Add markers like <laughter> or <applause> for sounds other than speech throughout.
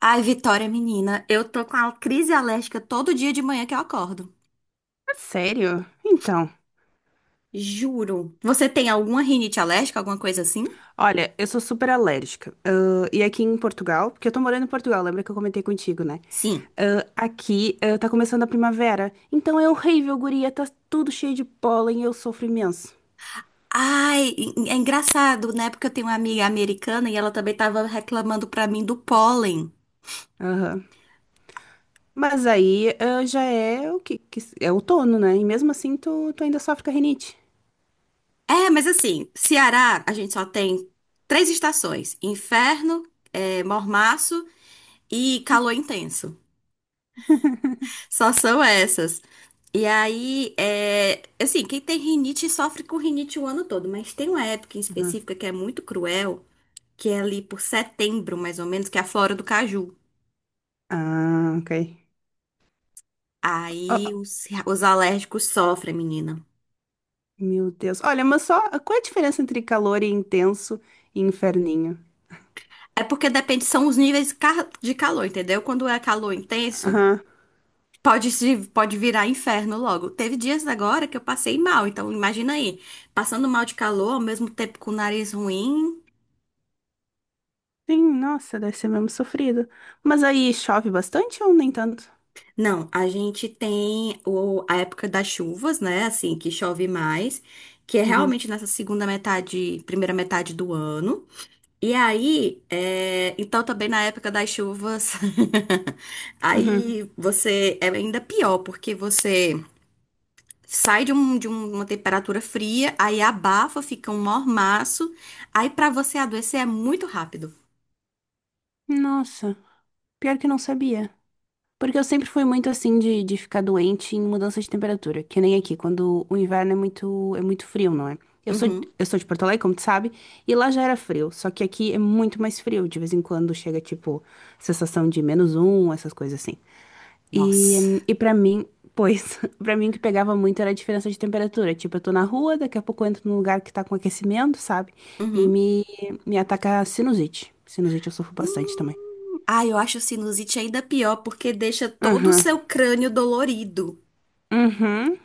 Ai, Vitória, menina, eu tô com a crise alérgica todo dia de manhã que eu acordo. Sério? Então, Juro. Você tem alguma rinite alérgica, alguma coisa assim? olha, eu sou super alérgica. E aqui em Portugal, porque eu tô morando em Portugal, lembra que eu comentei contigo, né? Sim. Aqui, tá começando a primavera. Então é horrível, guria, tá tudo cheio de pólen e eu sofro imenso. Ai, é engraçado, né? Porque eu tenho uma amiga americana e ela também tava reclamando pra mim do pólen. Aham. Mas aí, já é o que, que é outono, né? E mesmo assim tu ainda sofre com a rinite. É, mas assim, Ceará, a gente só tem três estações: inferno, é, mormaço e calor intenso. Só são essas. E aí, é, assim, quem tem rinite sofre com rinite o ano todo, mas tem uma época em Uhum. específica que é muito cruel, que é ali por setembro, mais ou menos, que é a flora do caju. Ah, ok. Ó, Aí ó, os alérgicos sofrem, menina. meu Deus. Olha, mas só, qual é a diferença entre calor e intenso e inferninho? É porque depende, são os níveis de calor, entendeu? Quando é calor intenso, pode, pode virar inferno logo. Teve dias agora que eu passei mal, então imagina aí, passando mal de calor, ao mesmo tempo com o nariz ruim. Sim, nossa, deve ser mesmo sofrido. Mas aí chove bastante ou nem tanto? Não, a gente tem o, a época das chuvas, né? Assim, que chove mais, que é Uhum, realmente nessa segunda metade, primeira metade do ano. E aí, é, então também na época das chuvas, <laughs> uhum. aí você é ainda pior, porque você sai de, um, uma temperatura fria, aí abafa, fica um mormaço, aí pra você adoecer é muito rápido. Nossa, pior que não sabia. Porque eu sempre fui muito assim de ficar doente em mudança de temperatura, que nem aqui, quando o inverno é muito frio, não é? Eu sou, Uhum. eu sou de Porto Alegre, como tu sabe, e lá já era frio, só que aqui é muito mais frio. De vez em quando chega, tipo, sensação de -1, essas coisas assim. Nossa. E para mim, pois, <laughs> pra mim o que pegava muito era a diferença de temperatura. Tipo, eu tô na rua, daqui a pouco eu entro num lugar que tá com aquecimento, sabe? E me ataca a sinusite. Sinusite eu sofro bastante também. Hum. Ah, eu acho sinusite ainda pior porque deixa todo o Uhum, seu crânio dolorido. uhum.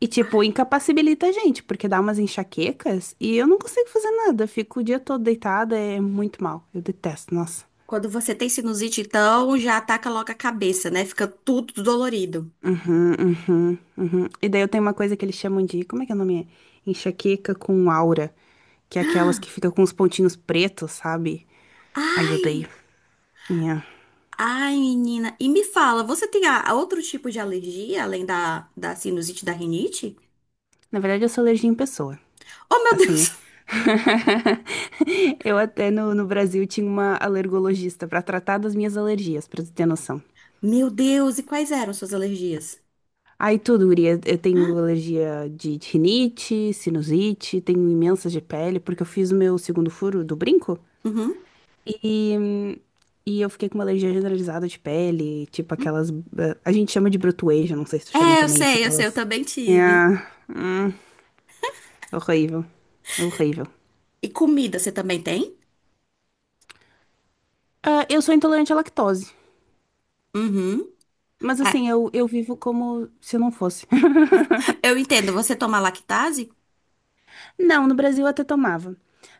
E, tipo, Ah, incapacibilita a gente, porque dá umas enxaquecas e eu não consigo fazer nada. Eu fico o dia todo deitada, é muito mal. Eu detesto, nossa. quando você tem sinusite, então já ataca logo a cabeça, né? Fica tudo dolorido. Uhum, uhum, uhum. E daí eu tenho uma coisa que eles chamam de, como é que é o nome? Enxaqueca com aura, que é aquelas Ah, que ficam com os pontinhos pretos, sabe? Ai, eu odeio. ai, É. ai, menina. E me fala, você tem outro tipo de alergia além da, da sinusite e da rinite? Na verdade, eu sou alergia em pessoa, Oh, meu assim. Deus! <laughs> <laughs> Eu até no Brasil tinha uma alergologista pra tratar das minhas alergias, pra tu ter noção. Meu Deus, e quais eram suas alergias? Aí tudo, guria. Eu Ah, tenho alergia de rinite, sinusite, tenho imensas de pele, porque eu fiz o meu segundo furo do brinco. uhum. E, e eu fiquei com uma alergia generalizada de pele, tipo aquelas. A gente chama de brotoeja, não sei se tu chama É, eu também isso, sei, eu sei, eu aquelas. também tive. Ah, horrível. Horrível. E comida, você também tem? Ah, eu sou intolerante à lactose, Uhum. mas É, assim, eu vivo como se eu não fosse. eu entendo, você toma lactase? Não, no Brasil eu até tomava.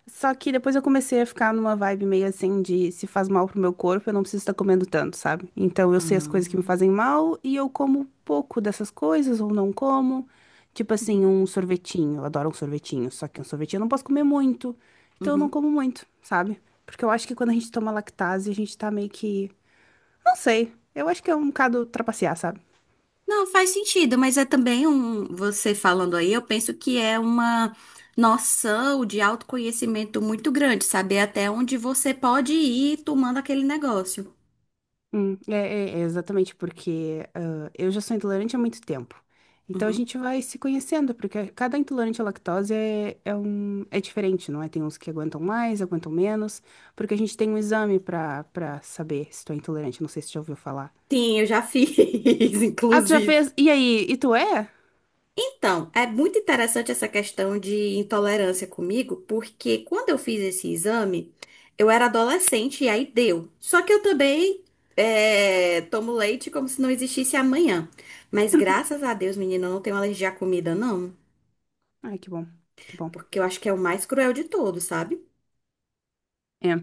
Só que depois eu comecei a ficar numa vibe meio assim de se faz mal pro meu corpo, eu não preciso estar comendo tanto, sabe? Então eu Ah, sei as coisas que me uhum, fazem mal e eu como pouco dessas coisas ou não como. Tipo assim, um sorvetinho, eu adoro um sorvetinho, só que um sorvetinho eu não posso comer muito, então eu não uhum. como muito, sabe? Porque eu acho que quando a gente toma lactase, a gente tá meio que, não sei, eu acho que é um bocado trapacear, sabe? Não, faz sentido, mas é também um. Você falando aí, eu penso que é uma noção de autoconhecimento muito grande, saber até onde você pode ir tomando aquele negócio. É exatamente porque eu já sou intolerante há muito tempo. Então a Uhum. gente vai se conhecendo, porque cada intolerante à lactose é diferente, não é? Tem uns que aguentam mais, aguentam menos, porque a gente tem um exame pra saber se tu é intolerante. Não sei se tu já ouviu falar. Sim, eu já fiz, <laughs> Ah, tu já inclusive. fez? E aí? E tu é? Então, é muito interessante essa questão de intolerância comigo, porque quando eu fiz esse exame, eu era adolescente e aí deu. Só que eu também é, tomo leite como se não existisse amanhã. Mas graças a Deus, menina, eu não tenho alergia à comida, não. Ai, que bom, que bom. Porque eu acho que é o mais cruel de todos, sabe? É.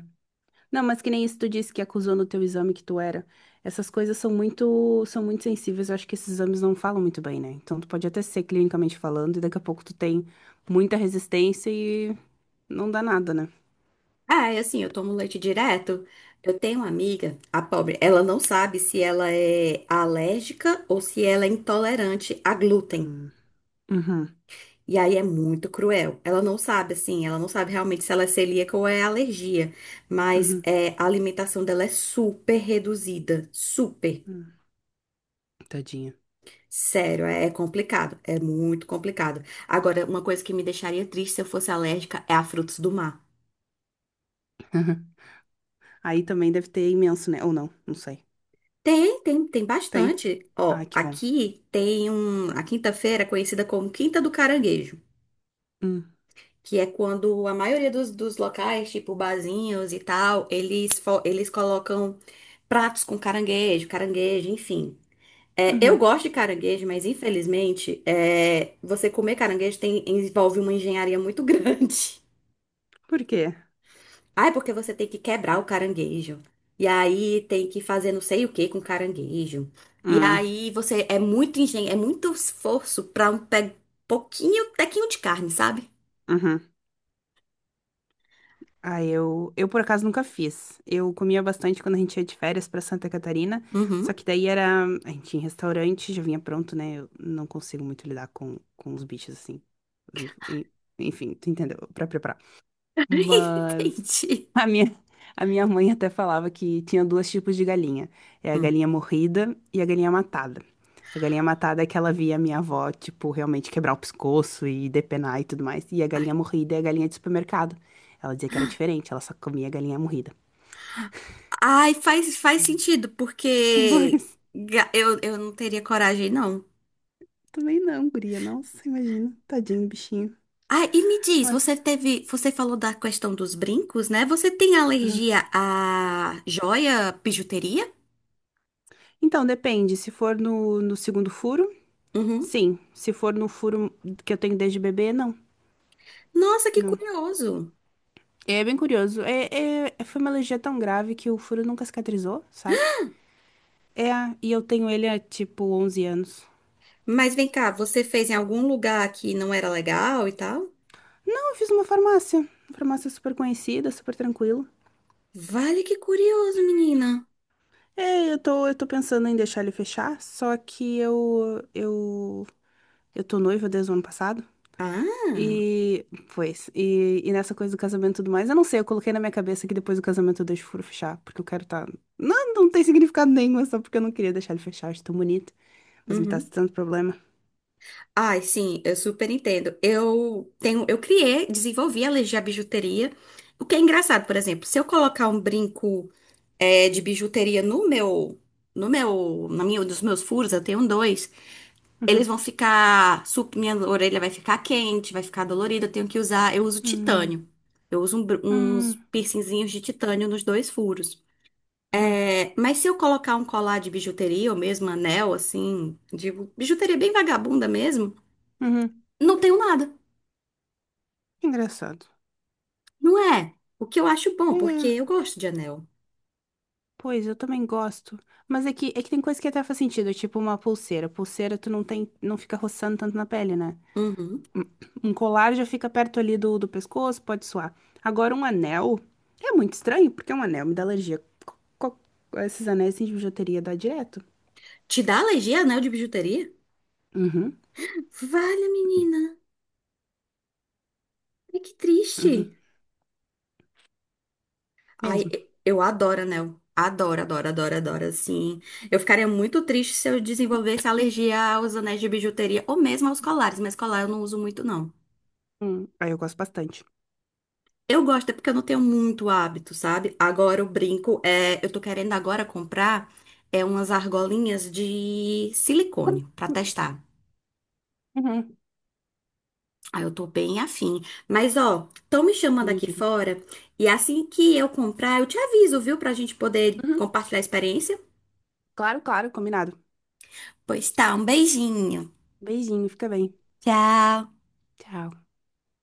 Não, mas que nem isso tu disse que acusou no teu exame que tu era. Essas coisas são muito sensíveis. Eu acho que esses exames não falam muito bem, né? Então tu pode até ser clinicamente falando e daqui a pouco tu tem muita resistência e não dá nada, né? Ah, é assim, eu tomo leite direto. Eu tenho uma amiga, a pobre, ela não sabe se ela é alérgica ou se ela é intolerante a glúten. Hum. Uhum. E aí é muito cruel. Ela não sabe, assim, ela não sabe realmente se ela é celíaca ou é alergia. Mas Uhum. é, a alimentação dela é super reduzida. Super. Uhum. Tadinha. Sério, é, é complicado. É muito complicado. Agora, uma coisa que me deixaria triste se eu fosse alérgica é a frutos do mar. <laughs> Uhum. Aí também deve ter imenso, né? Ou não, não sei. Tem, tem, tem Tem? bastante. Ai, Ó, que bom. aqui tem um, a quinta-feira é conhecida como Quinta do Caranguejo. Hum. Que é quando a maioria dos locais, tipo barzinhos e tal, eles, eles colocam pratos com caranguejo, caranguejo, enfim. É, eu Uhum. gosto de caranguejo, mas infelizmente, é, você comer caranguejo envolve uma engenharia muito <laughs> grande. Por quê? Ah, é porque você tem que quebrar o caranguejo. E aí tem que fazer não sei o que com caranguejo. E Hum. aí você é muito engen é muito esforço pra um pe pouquinho, tequinho de carne, sabe? Uhum. Ah, eu por acaso nunca fiz. Eu comia bastante quando a gente ia de férias pra Santa Catarina, só Uhum. que daí era, a gente ia em restaurante, já vinha pronto, né? Eu não consigo muito lidar com os bichos assim, vivo. Enfim, tu entendeu? Pra preparar. <laughs> Mas Entendi. a minha, a minha mãe até falava que tinha dois tipos de galinha. É a galinha morrida e a galinha matada. A galinha matada é que ela via a minha avó, tipo, realmente quebrar o pescoço e depenar e tudo mais. E a Ai, galinha morrida é a galinha de supermercado. Ela dizia que era diferente, ela só comia galinha morrida. ai, faz, faz sentido, <laughs> porque Mas eu não teria coragem, não. também não, guria. Nossa, imagina. Tadinho do bichinho. Ai, e me diz, Mas. você teve, você falou da questão dos brincos, né? Você tem Aham. alergia a joia, bijuteria? Então, depende. Se for no segundo furo, Uhum. sim. Se for no furo que eu tenho desde bebê, não. Nossa, que Não. curioso. É bem curioso. É, é- foi uma alergia tão grave que o furo nunca cicatrizou, sabe? É, e eu tenho ele há tipo 11 anos. Mas vem cá, você fez em algum lugar que não era legal e tal? Então, eu fiz uma farmácia. Uma farmácia super conhecida, super tranquila. Vale que curioso, menina. É, eu tô pensando em deixar ele fechar, só que eu tô noiva desde o ano passado. Ah, E, pois, e nessa coisa do casamento e tudo mais, eu não sei, eu coloquei na minha cabeça que depois do casamento eu deixo o furo fechar, porque eu quero tá... Não, não tem significado nenhum, é só porque eu não queria deixar ele fechar, acho tão bonito, mas me tá uhum. dando problema. Ai, sim, eu super entendo. Eu tenho, eu criei, desenvolvi a legia bijuteria. O que é engraçado, por exemplo, se eu colocar um brinco é, de bijuteria no meu, no meu, na minha, nos meus furos, eu tenho dois. Eles Uhum. vão ficar, minha orelha vai ficar quente, vai ficar dolorida. Eu tenho que usar, eu uso Hum, titânio. Eu uso uns hum, piercingzinhos de titânio nos dois furos. uhum, É, mas se eu colocar um colar de bijuteria ou mesmo anel, assim, de bijuteria bem vagabunda mesmo, uhum. não tenho nada. Engraçado. Não é? O que eu acho bom, porque É, eu gosto de anel. pois eu também gosto. Mas é que tem coisa que até faz sentido, tipo uma pulseira. Pulseira tu não tem, não fica roçando tanto na pele, né? Uhum. Um colar já fica perto ali do, do pescoço, pode suar. Agora um anel é muito estranho, porque um anel me dá alergia. Co- co- Esses anéis assim, de bijuteria dá direto. Te dá alergia a anel de bijuteria? Uhum, Vale, menina. Ai, que triste. uhum, Ai, mesmo. Eu adoro anel. Adoro, adoro, adoro, adoro, assim. Eu ficaria muito triste se eu desenvolvesse alergia aos anéis de bijuteria ou mesmo aos colares, mas colar eu não uso muito, não. Aí eu gosto bastante. Eu gosto, é porque eu não tenho muito hábito, sabe? Agora o brinco é. Eu tô querendo agora comprar é umas argolinhas de silicone pra testar. Uhum, Ah, eu tô bem afim. Mas, ó, estão me não chamando aqui mentira. fora e assim que eu comprar, eu te aviso, viu? Pra gente poder Uhum, compartilhar a experiência. claro, claro, combinado. Pois tá, um beijinho. Beijinho, fica bem. Tchau. Tchau.